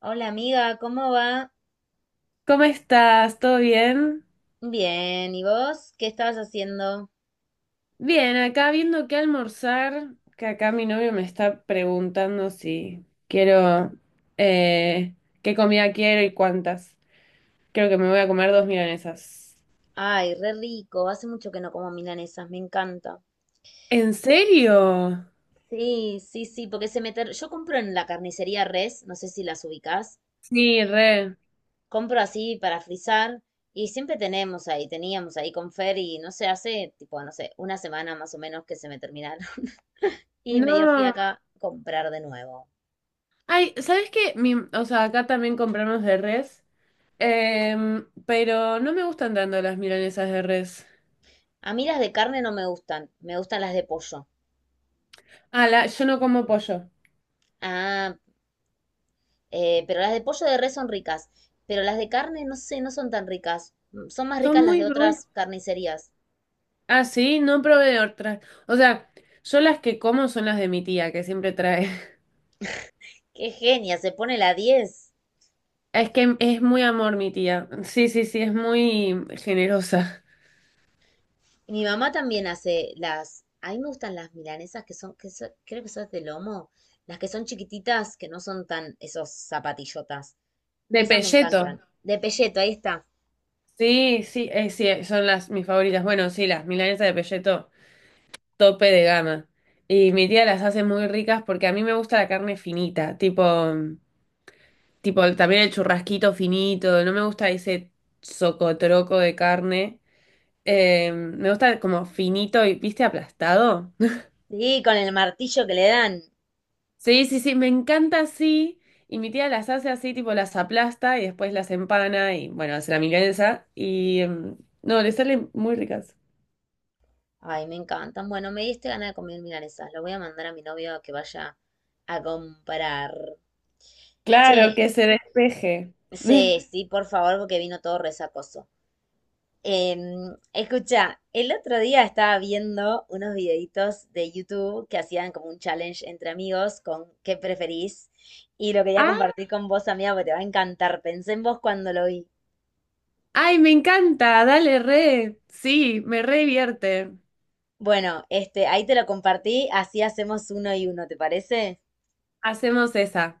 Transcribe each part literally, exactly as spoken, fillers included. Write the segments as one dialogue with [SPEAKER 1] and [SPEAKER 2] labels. [SPEAKER 1] Hola amiga, ¿cómo va?
[SPEAKER 2] ¿Cómo estás? ¿Todo bien?
[SPEAKER 1] Bien, ¿y vos? ¿Qué estabas haciendo?
[SPEAKER 2] Bien, acá viendo qué almorzar, que acá mi novio me está preguntando si quiero, eh, qué comida quiero y cuántas. Creo que me voy a comer dos milanesas.
[SPEAKER 1] Ay, re rico, hace mucho que no como milanesas, me encanta.
[SPEAKER 2] ¿En serio?
[SPEAKER 1] Sí, sí, sí, porque se me... ter- yo compro en la carnicería Res, no sé si las ubicás,
[SPEAKER 2] Sí, re.
[SPEAKER 1] compro así para frizar y siempre tenemos ahí, teníamos ahí con Fer y no sé, hace tipo, no sé, una semana más o menos que se me terminaron y me dio
[SPEAKER 2] No.
[SPEAKER 1] fiaca comprar de nuevo.
[SPEAKER 2] Ay, ¿sabes qué? Mi- o sea, acá también compramos de res, em, pero no me gustan tanto las milanesas de res.
[SPEAKER 1] A mí las de carne no me gustan, me gustan las de pollo.
[SPEAKER 2] Ah, la- yo no como pollo.
[SPEAKER 1] Ah, Eh, pero las de pollo de res son ricas. Pero las de carne, no sé, no son tan ricas. Mm, Son más
[SPEAKER 2] Son
[SPEAKER 1] ricas las
[SPEAKER 2] muy
[SPEAKER 1] de
[SPEAKER 2] gruesas.
[SPEAKER 1] otras carnicerías.
[SPEAKER 2] Ah, sí, no probé de otras. O sea, yo las que como son las de mi tía, que siempre trae.
[SPEAKER 1] ¡Qué genia! Se pone la diez.
[SPEAKER 2] Es que es muy amor mi tía. Sí, sí, sí, es muy generosa.
[SPEAKER 1] Y mi mamá también hace las... A mí me gustan las milanesas que son, que son- creo que son de lomo. Las que son chiquititas, que no son tan esos zapatillotas.
[SPEAKER 2] De
[SPEAKER 1] Esas me
[SPEAKER 2] pelleto.
[SPEAKER 1] encantan. De pelleto, ahí está.
[SPEAKER 2] Sí, sí, eh, sí, eh, son las mis favoritas. Bueno, sí, las milanesas de pelleto, tope de gama. Y mi tía las hace muy ricas porque a mí me gusta la carne finita, tipo, mm, tipo también el churrasquito finito. No me gusta ese socotroco de carne. Eh, me gusta como finito y, ¿viste? Aplastado.
[SPEAKER 1] Sí, con el martillo que le dan.
[SPEAKER 2] Sí, sí, sí, me encanta así. Y mi tía las hace así, tipo las aplasta y después las empana y bueno, hace la milanesa. Y mm, no, le salen muy ricas.
[SPEAKER 1] Ay, me encantan. Bueno, me diste ganas de comer milanesas. Lo voy a mandar a mi novio a que vaya a comprar.
[SPEAKER 2] Claro,
[SPEAKER 1] Che,
[SPEAKER 2] que se despeje.
[SPEAKER 1] sí, sí, por favor, porque vino todo resacoso. Em, escucha, el otro día estaba viendo unos videitos de YouTube que hacían como un challenge entre amigos con qué preferís y lo quería
[SPEAKER 2] Ah,
[SPEAKER 1] compartir con vos, amiga, porque te va a encantar. Pensé en vos cuando lo vi.
[SPEAKER 2] ay, me encanta, dale re. Sí, me re divierte.
[SPEAKER 1] Bueno, este, ahí te lo compartí, así hacemos uno y uno, ¿te parece?
[SPEAKER 2] Hacemos esa.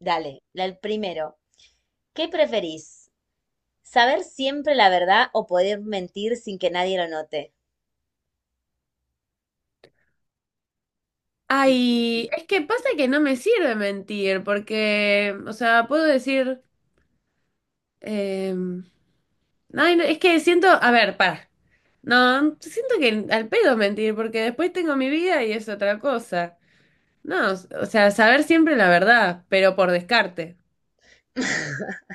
[SPEAKER 1] Dale, la- el primero. ¿Qué preferís? ¿Saber siempre la verdad o poder mentir sin que nadie lo note? Difícil.
[SPEAKER 2] Ay, es que pasa que no me sirve mentir, porque, o sea, puedo decir. Em, ay, no, es que siento, a ver, para. No, siento que al pedo mentir, porque después tengo mi vida y es otra cosa. No, o sea, saber siempre la verdad, pero por descarte.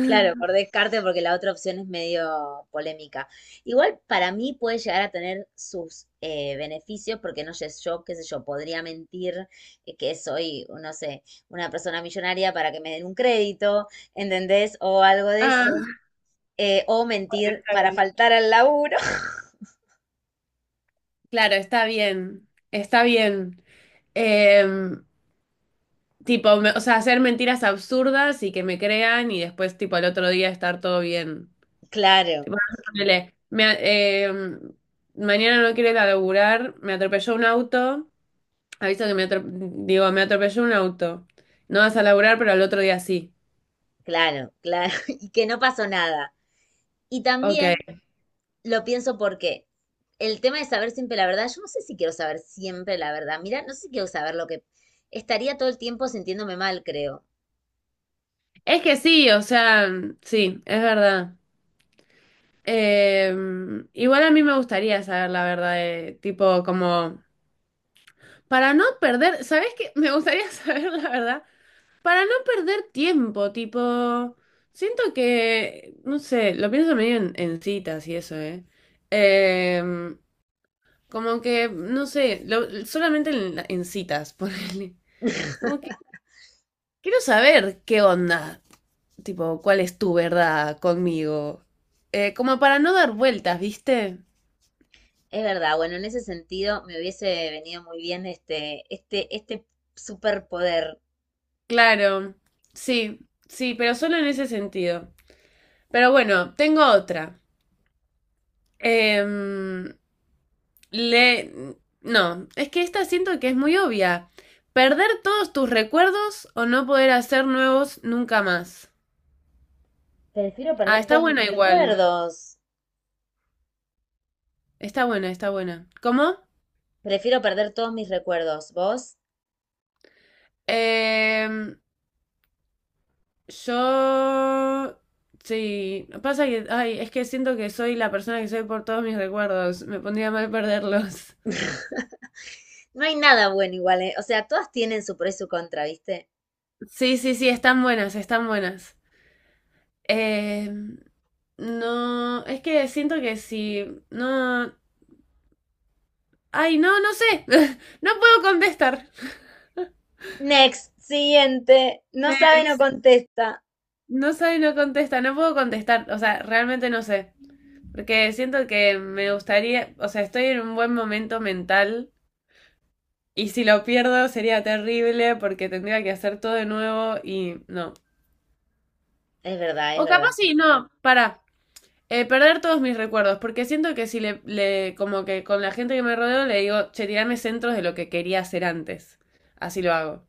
[SPEAKER 1] Claro, por descarte, porque la otra opción es medio polémica. Igual para mí puede llegar a tener sus eh, beneficios, porque no sé, yo, qué sé yo, podría mentir, eh, que soy, no sé, una persona millonaria para que me den un crédito, ¿entendés? O algo de eso.
[SPEAKER 2] Ah,
[SPEAKER 1] Eh, o mentir
[SPEAKER 2] está
[SPEAKER 1] para
[SPEAKER 2] bien.
[SPEAKER 1] faltar al laburo.
[SPEAKER 2] Claro, está bien, está bien. Em, tipo, me- o sea, hacer mentiras absurdas y que me crean y después, tipo, al otro día estar todo bien.
[SPEAKER 1] Claro,
[SPEAKER 2] Tipo, ponele, me a- em, mañana no quiero ir a laburar, me atropelló un auto. Ha visto que me atropelló, digo, me atropelló un auto. No vas a laburar, pero al otro día sí.
[SPEAKER 1] claro, claro. Y que no pasó nada. Y
[SPEAKER 2] Ok.
[SPEAKER 1] también lo pienso porque el tema de saber siempre la verdad, yo no sé si quiero saber siempre la verdad. Mira, no sé si quiero saber lo que... Estaría todo el tiempo sintiéndome mal, creo.
[SPEAKER 2] Es que sí, o sea, sí, es verdad. Eh, igual a mí me gustaría saber la verdad, de- tipo, como, para no perder, ¿sabes qué? Me gustaría saber la verdad, para no perder tiempo, tipo, siento que, no sé, lo pienso medio en, en citas y eso, ¿eh? Eh, como que, no sé, lo- solamente en, en citas, ponele. Como quiero saber qué onda, tipo, cuál es tu verdad conmigo. Eh, como para no dar vueltas, ¿viste?
[SPEAKER 1] Es verdad, bueno, en ese sentido me hubiese venido muy bien este, este, este superpoder.
[SPEAKER 2] Claro, sí, sí, pero solo en ese sentido. Pero bueno, tengo otra. Em, le... No, es que esta siento que es muy obvia. Perder todos tus recuerdos o no poder hacer nuevos nunca más.
[SPEAKER 1] Prefiero
[SPEAKER 2] Ah,
[SPEAKER 1] perder
[SPEAKER 2] está
[SPEAKER 1] todos mis
[SPEAKER 2] buena igual.
[SPEAKER 1] recuerdos.
[SPEAKER 2] Está buena, está buena. ¿Cómo?
[SPEAKER 1] Prefiero perder todos mis recuerdos. ¿Vos?
[SPEAKER 2] Em, Yo... Sí, pasa que, ay, es que siento que soy la persona que soy por todos mis recuerdos. Me pondría mal perderlos.
[SPEAKER 1] No hay nada bueno igual, ¿eh? O sea, todas tienen su pro y su contra, ¿viste?
[SPEAKER 2] Sí, sí, sí, están buenas, están buenas. Eh, no, es que siento que si no, ay, no, no sé, no puedo contestar.
[SPEAKER 1] Next, siguiente. No sabe, no
[SPEAKER 2] Next.
[SPEAKER 1] contesta.
[SPEAKER 2] No sabe no contesta, no puedo contestar, o sea, realmente no sé. Porque siento que me gustaría, o sea, estoy en un buen momento mental. Y si lo pierdo sería terrible porque tendría que hacer todo de nuevo y no.
[SPEAKER 1] Es verdad, es
[SPEAKER 2] O capaz
[SPEAKER 1] verdad.
[SPEAKER 2] sí, no, para. Perder todos mis recuerdos, porque siento que si le, le, como que con la gente que me rodeo le digo, che, tirame centros de lo que quería hacer antes. Así lo hago.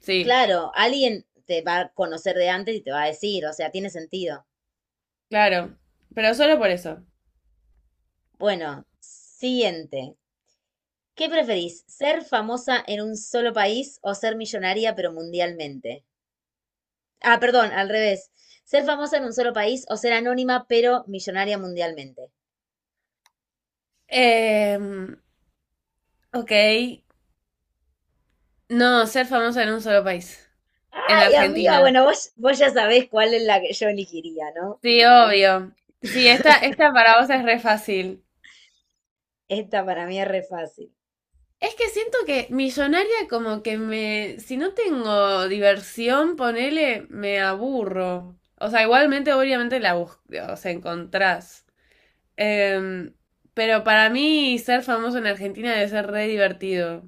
[SPEAKER 2] Sí,
[SPEAKER 1] Claro, alguien te va a conocer de antes y te va a decir, o sea, tiene sentido.
[SPEAKER 2] claro. Pero solo por eso.
[SPEAKER 1] Bueno, siguiente. ¿Qué preferís? ¿Ser famosa en un solo país o ser millonaria pero mundialmente? Ah, perdón, al revés. ¿Ser famosa en un solo país o ser anónima pero millonaria mundialmente?
[SPEAKER 2] Eh, ok. No, ser famosa en un solo país. En
[SPEAKER 1] Ay, amiga,
[SPEAKER 2] Argentina.
[SPEAKER 1] bueno, vos, vos ya sabés cuál es la que yo elegiría, ¿no?
[SPEAKER 2] Sí, obvio. Sí, esta, esta para vos es re fácil.
[SPEAKER 1] Esta para mí es re fácil.
[SPEAKER 2] Es que siento que millonaria como que me, si no tengo diversión, ponele, me aburro. O sea, igualmente obviamente la bus- o sea, encontrás. Em, pero para mí ser famoso en Argentina debe ser re divertido.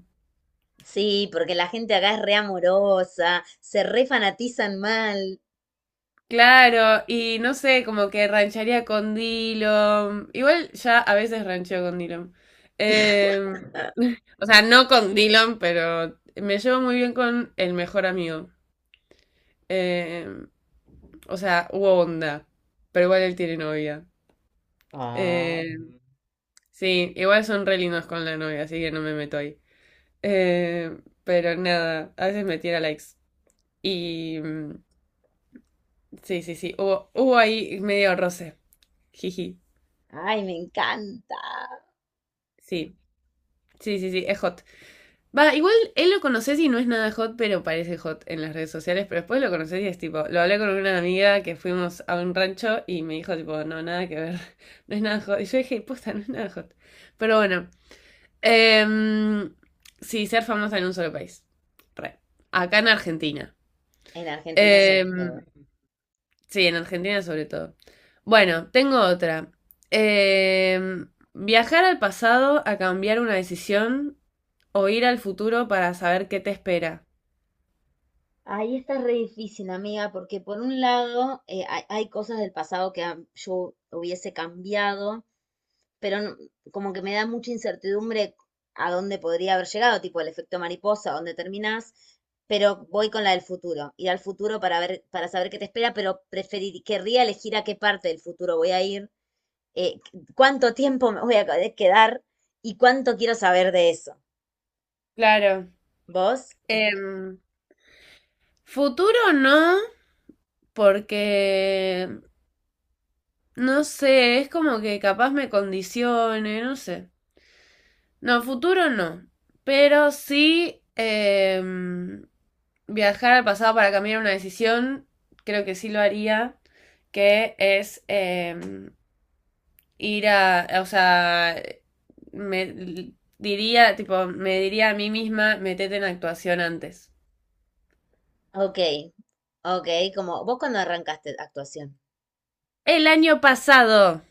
[SPEAKER 1] Sí, porque la gente acá es re amorosa, se re fanatizan mal.
[SPEAKER 2] Claro, y no sé, como que rancharía con Dillom. Igual ya a veces rancheo con Dillom. Em, o sea, no con Dillom, pero me llevo muy bien con el mejor amigo. Em, O sea, hubo onda. Pero igual él tiene novia. Eh, sí, igual son re lindos con la novia, así que no me meto ahí. Eh, pero nada, a veces me tira likes. Y mm, sí, sí, sí. Hubo, hubo ahí medio roce. Jiji.
[SPEAKER 1] Ay, me encanta.
[SPEAKER 2] Sí. Sí, sí, sí, es hot. Va, igual él lo conoces y no es nada hot, pero parece hot en las redes sociales, pero después lo conoces y es tipo, lo hablé con una amiga que fuimos a un rancho y me dijo tipo, no, nada que ver, no es nada hot. Y yo dije, posta, no es nada hot. Pero bueno, Em, sí, ser famosa en un solo país. Re. Acá en Argentina.
[SPEAKER 1] En Argentina sobre todo.
[SPEAKER 2] Em, sí, en Argentina sobre todo. Bueno, tengo otra. Em, viajar al pasado a cambiar una decisión o ir al futuro para saber qué te espera.
[SPEAKER 1] Ahí está re difícil, amiga, porque por un lado, eh, hay, hay cosas del pasado que am- yo hubiese cambiado, pero no- como que me da mucha incertidumbre a dónde podría haber llegado, tipo el efecto mariposa, dónde terminás, pero voy con la del futuro, ir al futuro para ver, para saber qué te espera, pero preferir, querría elegir a qué parte del futuro voy a ir, eh, cuánto tiempo me voy a quedar y cuánto quiero saber de eso.
[SPEAKER 2] Claro.
[SPEAKER 1] ¿Vos?
[SPEAKER 2] Em, futuro no, porque no sé, es como que capaz me condicione, no sé. No, futuro no. Pero sí em, viajar al pasado para cambiar una decisión, creo que sí lo haría, que es em, ir a, o sea, me diría, tipo, me diría a mí misma, metete en actuación antes.
[SPEAKER 1] Ok, ok, como vos cuando arrancaste actuación.
[SPEAKER 2] El año pasado.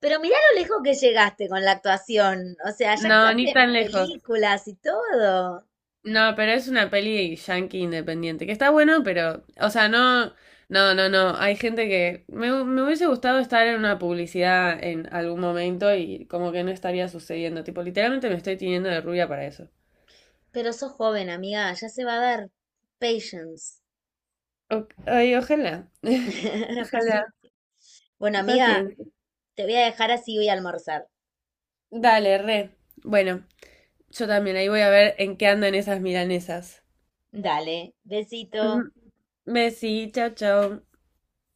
[SPEAKER 1] Pero mirá lo lejos que llegaste con la actuación. O sea, ya
[SPEAKER 2] No, ni
[SPEAKER 1] actuaste
[SPEAKER 2] tan
[SPEAKER 1] en
[SPEAKER 2] lejos.
[SPEAKER 1] películas y todo.
[SPEAKER 2] No, pero es una peli yankee independiente, que está bueno, pero, o sea, no, no, no, no, hay gente que me, hu- me hubiese gustado estar en una publicidad en algún momento y como que no estaría sucediendo, tipo, literalmente me estoy tiñendo de rubia para eso.
[SPEAKER 1] Pero sos joven, amiga, ya se va a dar. Patience.
[SPEAKER 2] O- ay, ojalá, ojalá,
[SPEAKER 1] Paciencia. Bueno, amiga,
[SPEAKER 2] paciencia.
[SPEAKER 1] te voy a dejar así voy a almorzar.
[SPEAKER 2] Dale, re. Bueno, yo también ahí voy a ver en qué andan esas milanesas.
[SPEAKER 1] Dale, besito.
[SPEAKER 2] Ujú. Besí, chao, chao.